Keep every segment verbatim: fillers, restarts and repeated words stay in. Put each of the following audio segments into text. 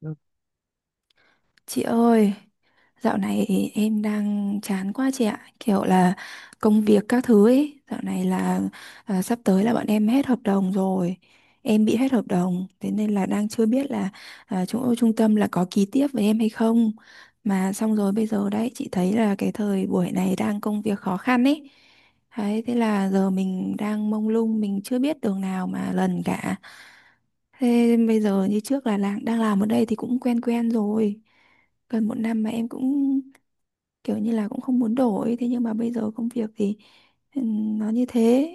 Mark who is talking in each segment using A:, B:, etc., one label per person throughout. A: Ừ.
B: Chị ơi, dạo này em đang chán quá chị ạ. Kiểu là công việc các thứ ấy, dạo này là à, sắp tới là bọn em hết hợp đồng rồi. Em bị hết hợp đồng, thế nên là đang chưa biết là à, chỗ trung tâm là có ký tiếp với em hay không. Mà xong rồi bây giờ đấy, chị thấy là cái thời buổi này đang công việc khó khăn ấy. Đấy, thế là giờ mình đang mông lung, mình chưa biết đường nào mà lần cả. Thế bây giờ như trước là làm, đang làm ở đây thì cũng quen quen rồi. Gần một năm mà em cũng kiểu như là cũng không muốn đổi. Thế nhưng mà bây giờ công việc thì ừm, nó như thế.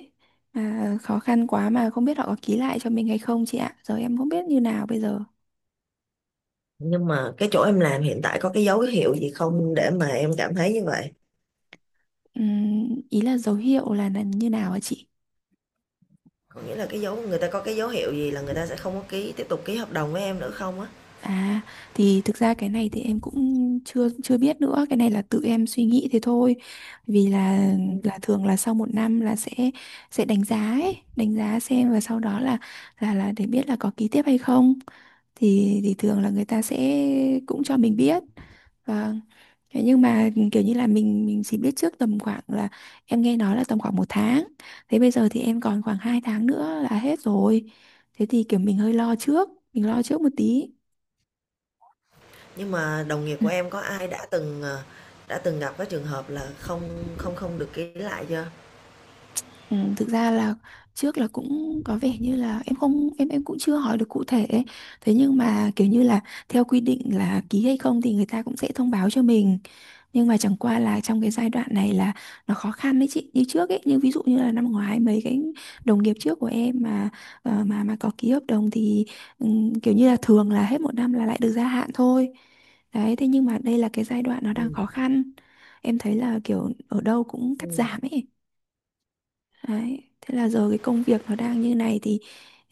B: Mà khó khăn quá mà không biết họ có ký lại cho mình hay không chị ạ. Giờ em không biết như nào bây giờ.
A: Nhưng mà cái chỗ em làm hiện tại có cái dấu hiệu gì không để mà em cảm thấy như vậy?
B: Ừm, ý là dấu hiệu là, là, như nào hả chị?
A: Có nghĩa là cái dấu người ta có cái dấu hiệu gì là người ta sẽ không có ký tiếp tục ký hợp đồng với em nữa không á?
B: À, thì thực ra cái này thì em cũng chưa chưa biết nữa, cái này là tự em suy nghĩ thế thôi. Vì là là thường là sau một năm là sẽ sẽ đánh giá ấy, đánh giá xem và sau đó là là là để biết là có ký tiếp hay không. Thì thì thường là người ta sẽ cũng cho mình biết. Vâng. Thế nhưng mà kiểu như là mình mình chỉ biết trước tầm khoảng là em nghe nói là tầm khoảng một tháng. Thế bây giờ thì em còn khoảng hai tháng nữa là hết rồi. Thế thì kiểu mình hơi lo trước, mình lo trước một tí.
A: Nhưng mà đồng nghiệp của em có ai đã từng ờ, đã từng gặp cái trường hợp là không không không được ký lại chưa?
B: Ừ, thực ra là trước là cũng có vẻ như là em không em em cũng chưa hỏi được cụ thể ấy. Thế nhưng mà kiểu như là theo quy định là ký hay không thì người ta cũng sẽ thông báo cho mình, nhưng mà chẳng qua là trong cái giai đoạn này là nó khó khăn đấy chị, như trước ấy, như ví dụ như là năm ngoái mấy cái đồng nghiệp trước của em mà ờ, mà mà có ký hợp đồng thì ừm, kiểu như là thường là hết một năm là lại được gia hạn thôi. Đấy, thế nhưng mà đây là cái giai đoạn nó
A: Ừ.
B: đang khó khăn, em thấy là kiểu ở đâu cũng cắt
A: Ừ.
B: giảm ấy. Đấy. Thế là giờ cái công việc nó đang như này thì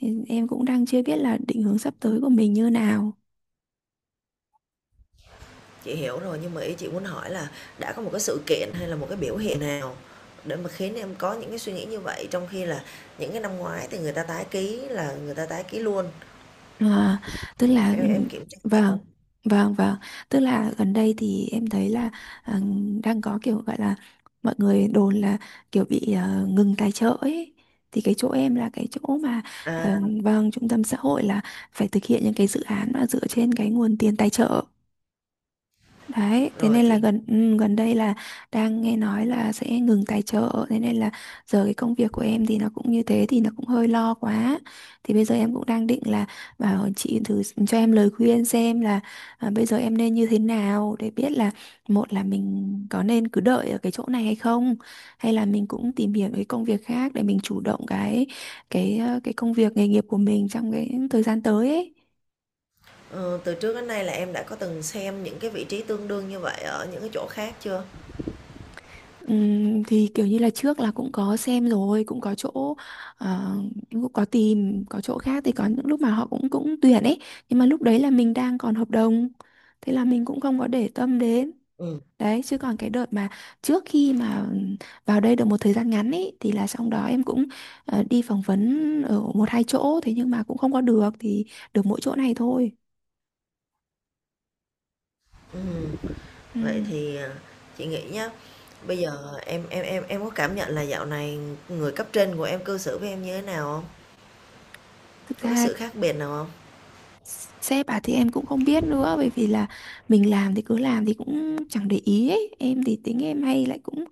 B: ừ, em cũng đang chưa biết là định hướng sắp tới của mình như nào.
A: Chị hiểu rồi, nhưng mà ý chị muốn hỏi là đã có một cái sự kiện hay là một cái biểu hiện nào để mà khiến em có những cái suy nghĩ như vậy, trong khi là những cái năm ngoái thì người ta tái ký là người ta tái ký luôn,
B: À, tức là
A: em
B: ừ,
A: em kiểm tra lại
B: vâng,
A: không?
B: vâng, vâng, tức là gần đây thì em thấy là à, đang có kiểu gọi là mọi người đồn là kiểu bị à, ngừng tài trợ ấy, thì cái chỗ em là cái chỗ mà à,
A: À,
B: vâng, trung tâm xã hội là phải thực hiện những cái dự án mà dựa trên cái nguồn tiền tài trợ. Đấy, thế
A: rồi
B: nên là
A: chị.
B: gần ừ, gần đây là đang nghe nói là sẽ ngừng tài trợ, thế nên là giờ cái công việc của em thì nó cũng như thế thì nó cũng hơi lo quá. Thì bây giờ em cũng đang định là bảo chị thử cho em lời khuyên xem là à, bây giờ em nên như thế nào để biết là, một là mình có nên cứ đợi ở cái chỗ này hay không, hay là mình cũng tìm hiểu cái công việc khác để mình chủ động cái cái ờ, cái công việc nghề nghiệp của mình trong cái thời gian tới ấy.
A: Ờ, từ trước đến nay là em đã có từng xem những cái vị trí tương đương như vậy ở những cái chỗ khác chưa?
B: Ừm, thì kiểu như là trước là cũng có xem rồi, cũng có chỗ, ờ, cũng có tìm, có chỗ khác thì có những lúc mà họ cũng cũng tuyển ấy, nhưng mà lúc đấy là mình đang còn hợp đồng, thế là mình cũng không có để tâm đến.
A: Ừm,
B: Đấy chứ còn cái đợt mà trước khi mà vào đây được một thời gian ngắn ấy thì là xong đó em cũng ờ, đi phỏng vấn ở một hai chỗ, thế nhưng mà cũng không có được, thì được mỗi chỗ này thôi.
A: ừm, vậy
B: Ừm.
A: thì, à, chị nghĩ nhá, bây giờ em em em em có cảm nhận là dạo này người cấp trên của em cư xử với em như thế nào không?
B: Thực
A: Có cái
B: ra
A: sự khác biệt nào không?
B: sếp à thì em cũng không biết nữa, bởi vì là mình làm thì cứ làm thì cũng chẳng để ý ấy. Em thì tính em hay lại cũng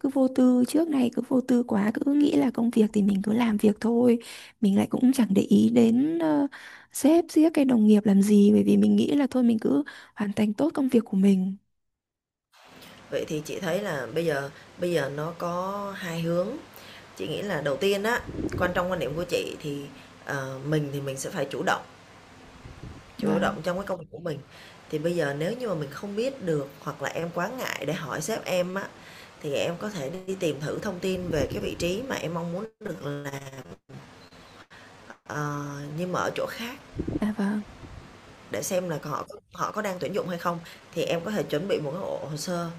B: cứ vô tư, trước này cứ vô tư quá, cứ nghĩ là công việc thì mình cứ làm việc thôi. Mình lại cũng chẳng để ý đến ờ, sếp giết cái đồng nghiệp làm gì, bởi vì mình nghĩ là thôi mình cứ hoàn thành tốt công việc của mình.
A: Vậy thì chị thấy là bây giờ bây giờ nó có hai hướng. Chị nghĩ là đầu tiên á, quan trong quan điểm của chị thì, ờ, mình thì mình sẽ phải chủ động. Chủ
B: Vâng.
A: động trong cái công việc của mình. Thì bây giờ nếu như mà mình không biết được, hoặc là em quá ngại để hỏi sếp em á, thì em có thể đi tìm thử thông tin về cái vị trí mà em mong muốn được, là ờ, nhưng mà ở chỗ khác,
B: À, vâng.
A: để xem là họ họ có đang tuyển dụng hay không, thì em có thể chuẩn bị một cái bộ hồ sơ.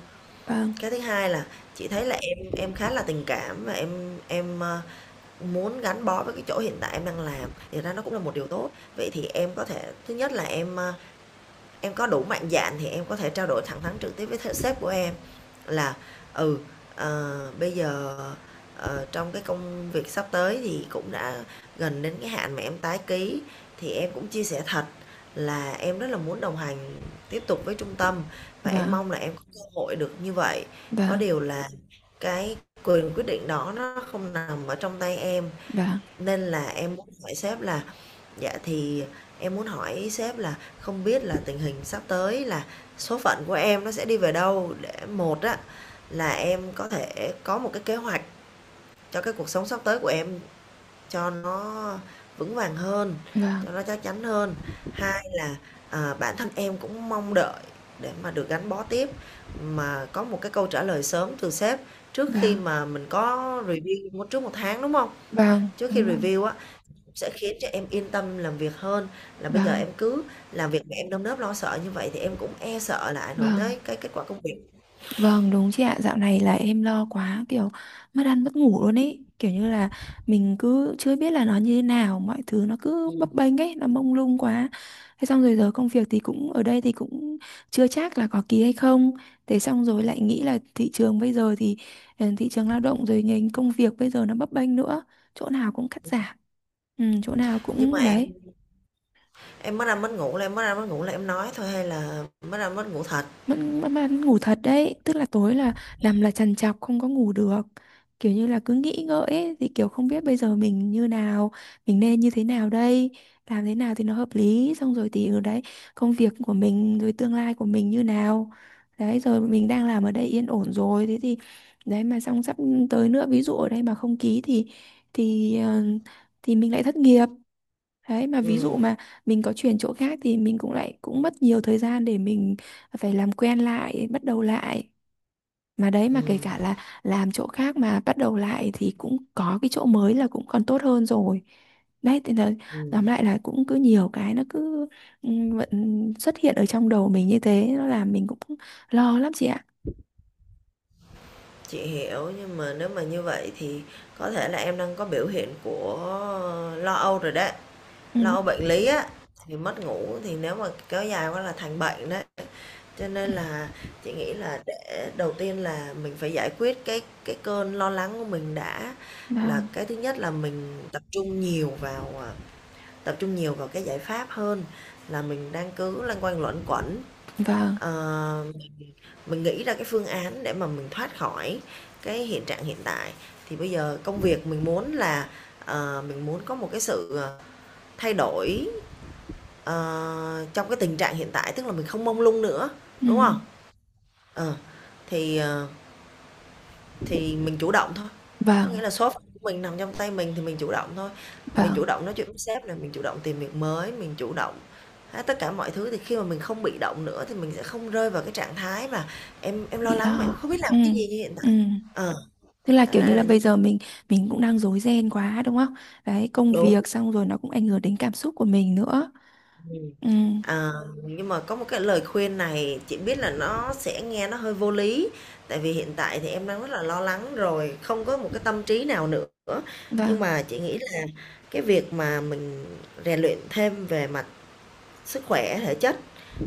B: Vâng.
A: Cái thứ hai là chị thấy là em em khá là tình cảm và em em, ơ, muốn gắn bó với cái chỗ hiện tại em đang làm, thì ra nó cũng là một điều tốt. Vậy thì em có thể thứ nhất là em, a em có đủ mạnh dạn thì em có thể trao đổi thẳng thắn trực tiếp với th- sếp của em là ừ ờ, bây giờ, ờ, trong cái công việc sắp tới thì cũng đã gần đến cái hạn mà em tái ký, thì em cũng chia sẻ thật là em rất là muốn đồng hành tiếp tục với trung tâm, và em
B: Vâng.
A: mong là em có cơ hội được như vậy. Có điều là cái quyền quyết định đó nó không nằm ở trong tay em,
B: Vâng.
A: nên là em muốn hỏi sếp là, dạ, thì em muốn hỏi sếp là không biết là tình hình sắp tới, là số phận của em nó sẽ đi về đâu, để một á, là em có thể có một cái kế hoạch cho cái cuộc sống sắp tới của em, cho nó vững vàng hơn,
B: Vâng.
A: cho nó chắc chắn hơn. Hai là, à, bản thân em cũng mong đợi để mà được gắn bó tiếp, mà có một cái câu trả lời sớm từ sếp trước khi
B: Vâng.
A: mà mình có review một trước một tháng, đúng không?
B: Vâng.
A: Trước khi
B: Vâng. Vâng. Vâng.
A: review á, sẽ khiến cho em yên tâm làm việc hơn, là bây giờ em
B: Vâng.
A: cứ làm việc mà em nơm nớp lo sợ như vậy thì em cũng e sợ là ảnh hưởng
B: Vâng.
A: tới cái kết quả công việc.
B: Vâng, đúng chị ạ. Dạo này là em lo quá, kiểu mất ăn mất ngủ luôn ấy. Kiểu như là mình cứ chưa biết là nó như thế nào, mọi thứ nó cứ bấp bênh ấy, nó mông lung quá. Thế xong rồi giờ công việc thì cũng ở đây thì cũng chưa chắc là có ký hay không. Thế xong rồi lại nghĩ là thị trường bây giờ thì ừ, thị trường lao động rồi ngành công việc bây giờ nó bấp bênh nữa. Chỗ nào cũng cắt giảm, ừ, chỗ nào
A: Nhưng mà
B: cũng
A: em
B: đấy.
A: em mất ăn mất ngủ là em mất ăn mất ngủ là em nói thôi, hay là mất ăn mất ngủ thật.
B: Vẫn vẫn vẫn ngủ thật đấy, tức là tối là nằm là trằn trọc không có ngủ được, kiểu như là cứ nghĩ ngợi ấy, thì kiểu không biết bây giờ mình như nào, mình nên như thế nào đây, làm thế nào thì nó hợp lý, xong rồi thì ở đấy công việc của mình rồi tương lai của mình như nào, đấy rồi mình đang làm ở đây yên ổn rồi thế thì đấy, mà xong sắp tới nữa, ví dụ ở đây mà không ký thì thì ờ, thì mình lại thất nghiệp. Đấy mà ví
A: Ừm,
B: dụ mà mình có chuyển chỗ khác thì mình cũng lại cũng mất nhiều thời gian để mình phải làm quen lại, bắt đầu lại. Mà đấy mà kể cả
A: ừm,
B: là làm chỗ khác mà bắt đầu lại thì cũng có cái chỗ mới là cũng còn tốt hơn rồi. Đấy thì là
A: ừm,
B: tóm lại là cũng cứ nhiều cái nó cứ ừ, vẫn xuất hiện ở trong đầu mình như thế, nó làm mình cũng lo lắm chị ạ.
A: chị hiểu, nhưng mà nếu mà như vậy thì có thể là em đang có biểu hiện của lo âu rồi đấy, lo
B: Ừ.
A: âu bệnh lý á, thì mất ngủ thì nếu mà kéo dài quá là thành bệnh đấy. Cho nên là chị nghĩ là để đầu tiên là mình phải giải quyết cái cái cơn lo lắng của mình đã, là
B: Vâng,
A: cái thứ nhất là mình tập trung nhiều vào, à, tập trung nhiều vào cái giải pháp hơn là mình đang cứ loanh quanh luẩn quẩn.
B: vâng.
A: Ờ, mình nghĩ ra cái phương án để mà mình thoát khỏi cái hiện trạng hiện tại. Thì bây giờ công việc mình muốn là, ờ, mình muốn có một cái sự, ờ, thay đổi, ờ, trong cái tình trạng hiện tại, tức là mình không mông lung nữa,
B: Ừ.
A: đúng không? Ờ, thì, ờ Thì mình chủ động thôi, có
B: Vâng,
A: nghĩa là số phận của mình nằm trong tay mình thì mình chủ động thôi. Mình chủ
B: vâng,
A: động nói chuyện với sếp nè, mình chủ động tìm việc mới, mình chủ động hết tất cả mọi thứ, thì khi mà mình không bị động nữa thì mình sẽ không rơi vào cái trạng thái mà em em lo
B: bị
A: lắng mà
B: lo.
A: em không biết làm
B: Ừ.
A: cái gì như hiện
B: Ừ.
A: tại. Ờ,
B: Thế là
A: đó
B: kiểu như
A: là
B: là
A: là như
B: bây giờ mình mình cũng đang rối ren quá đúng không? Đấy, công
A: đúng.
B: việc xong rồi nó cũng ảnh hưởng đến cảm xúc của mình nữa.
A: Ừm.
B: Ừ,
A: Ờ, nhưng mà có một cái lời khuyên này, chị biết là nó sẽ nghe nó hơi vô lý, tại vì hiện tại thì em đang rất là lo lắng rồi, không có một cái tâm trí nào nữa. Nhưng
B: vâng.
A: mà chị nghĩ là cái việc mà mình rèn luyện thêm về mặt sức khỏe, thể chất,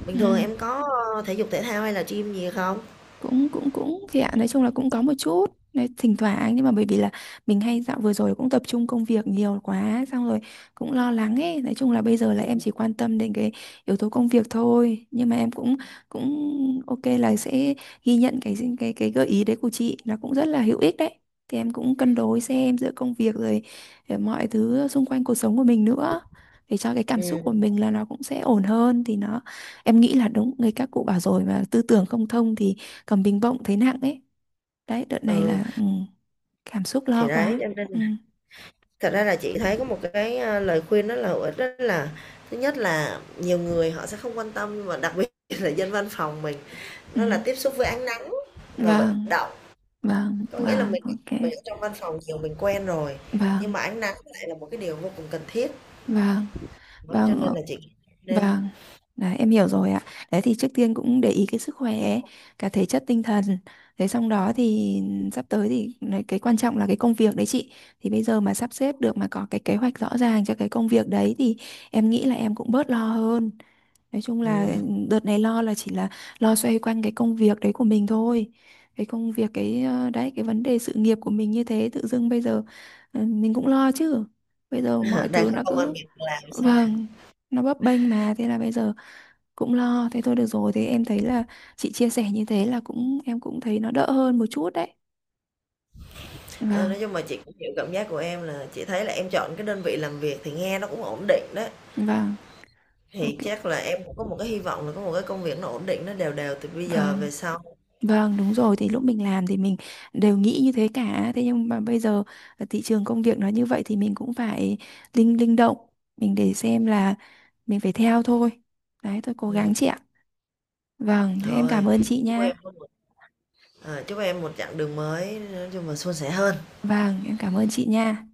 A: bình
B: Ừ.
A: thường em có, ơ, thể dục thể thao hay là gym gì không?
B: cũng cũng cũng thì ạ, nói chung là cũng có một chút đấy, thỉnh thoảng, nhưng mà bởi vì là mình hay dạo vừa rồi cũng tập trung công việc nhiều quá xong rồi cũng lo lắng ấy, nói chung là bây giờ là em chỉ quan tâm đến cái yếu tố công việc thôi, nhưng mà em cũng cũng ok là sẽ ghi nhận cái cái cái gợi ý đấy của chị là cũng rất là hữu ích đấy. Thì em cũng cân đối xem giữa công việc rồi ờ, mọi thứ xung quanh cuộc sống của mình nữa, để cho cái cảm xúc của
A: Ừm,
B: mình là nó cũng sẽ ổn hơn, thì nó em nghĩ là đúng người các cụ bảo rồi mà tư tưởng không thông thì còn bình bông thấy nặng ấy. Đấy, đợt này
A: ừ,
B: là ừ, cảm xúc
A: thì
B: lo
A: đấy,
B: quá.
A: cho nên
B: Ừ,
A: thật ra là chị thấy có một cái, a, lời khuyên rất là hữu ích, đó là thứ nhất là nhiều người họ sẽ không quan tâm, nhưng mà đặc biệt là dân văn phòng mình,
B: ừ.
A: nó là tiếp xúc với ánh nắng và vận
B: Vâng,
A: động.
B: vâng,
A: Có nghĩa là
B: vâng,
A: mình
B: ok.
A: mình ở trong văn phòng nhiều mình quen rồi, nhưng
B: Vâng,
A: mà ánh nắng lại là một cái điều vô cùng cần thiết.
B: vâng,
A: Đó, cho
B: vâng,
A: nên
B: ờ,
A: là chị nên
B: vâng. Đấy, em hiểu rồi ạ. Đấy thì trước tiên cũng để ý cái sức khỏe ấy, cả thể chất tinh thần. Thế xong đó thì sắp tới thì này, cái quan trọng là cái công việc đấy chị. Thì bây giờ mà sắp xếp được mà có cái kế hoạch rõ ràng cho cái công việc đấy thì em nghĩ là em cũng bớt lo hơn. Nói chung là ừ,
A: ừm,
B: đợt này lo là chỉ là lo xoay quanh cái công việc đấy của mình thôi. Cái công việc, cái ờ, đấy, cái vấn đề sự nghiệp của mình như thế tự dưng bây giờ ừ, mình cũng lo chứ. Bây giờ mọi
A: đang
B: thứ
A: có
B: nó
A: công ăn
B: cứ,
A: việc làm xong.
B: vâng, nó bấp bênh mà, thế là bây giờ cũng lo thế thôi. Được rồi, thế em thấy là chị chia sẻ như thế là cũng em cũng thấy nó đỡ hơn một chút đấy.
A: Ờ,
B: Vâng,
A: nói chung mà chị cũng hiểu cảm giác của em, là chị thấy là em chọn cái đơn vị làm việc thì nghe nó cũng ổn định đấy.
B: vâng.
A: Thì
B: Ok.
A: chắc là em cũng có một cái hy vọng là có một cái công việc nó ổn định, nó đều đều từ bây giờ
B: Vâng.
A: về sau.
B: Vâng, đúng rồi, thì lúc mình làm thì mình đều nghĩ như thế cả. Thế nhưng mà bây giờ ờ, thị trường công việc nó như vậy thì mình cũng phải linh linh động, mình để xem là mình phải theo thôi. Đấy, tôi cố gắng
A: Ừm,
B: chị ạ. Vâng, thế em
A: thôi,
B: cảm ơn chị
A: chúc
B: nha.
A: em có một ờ, chúc em một chặng đường mới nói chung là suôn sẻ hơn.
B: Vâng, em cảm ơn chị nha.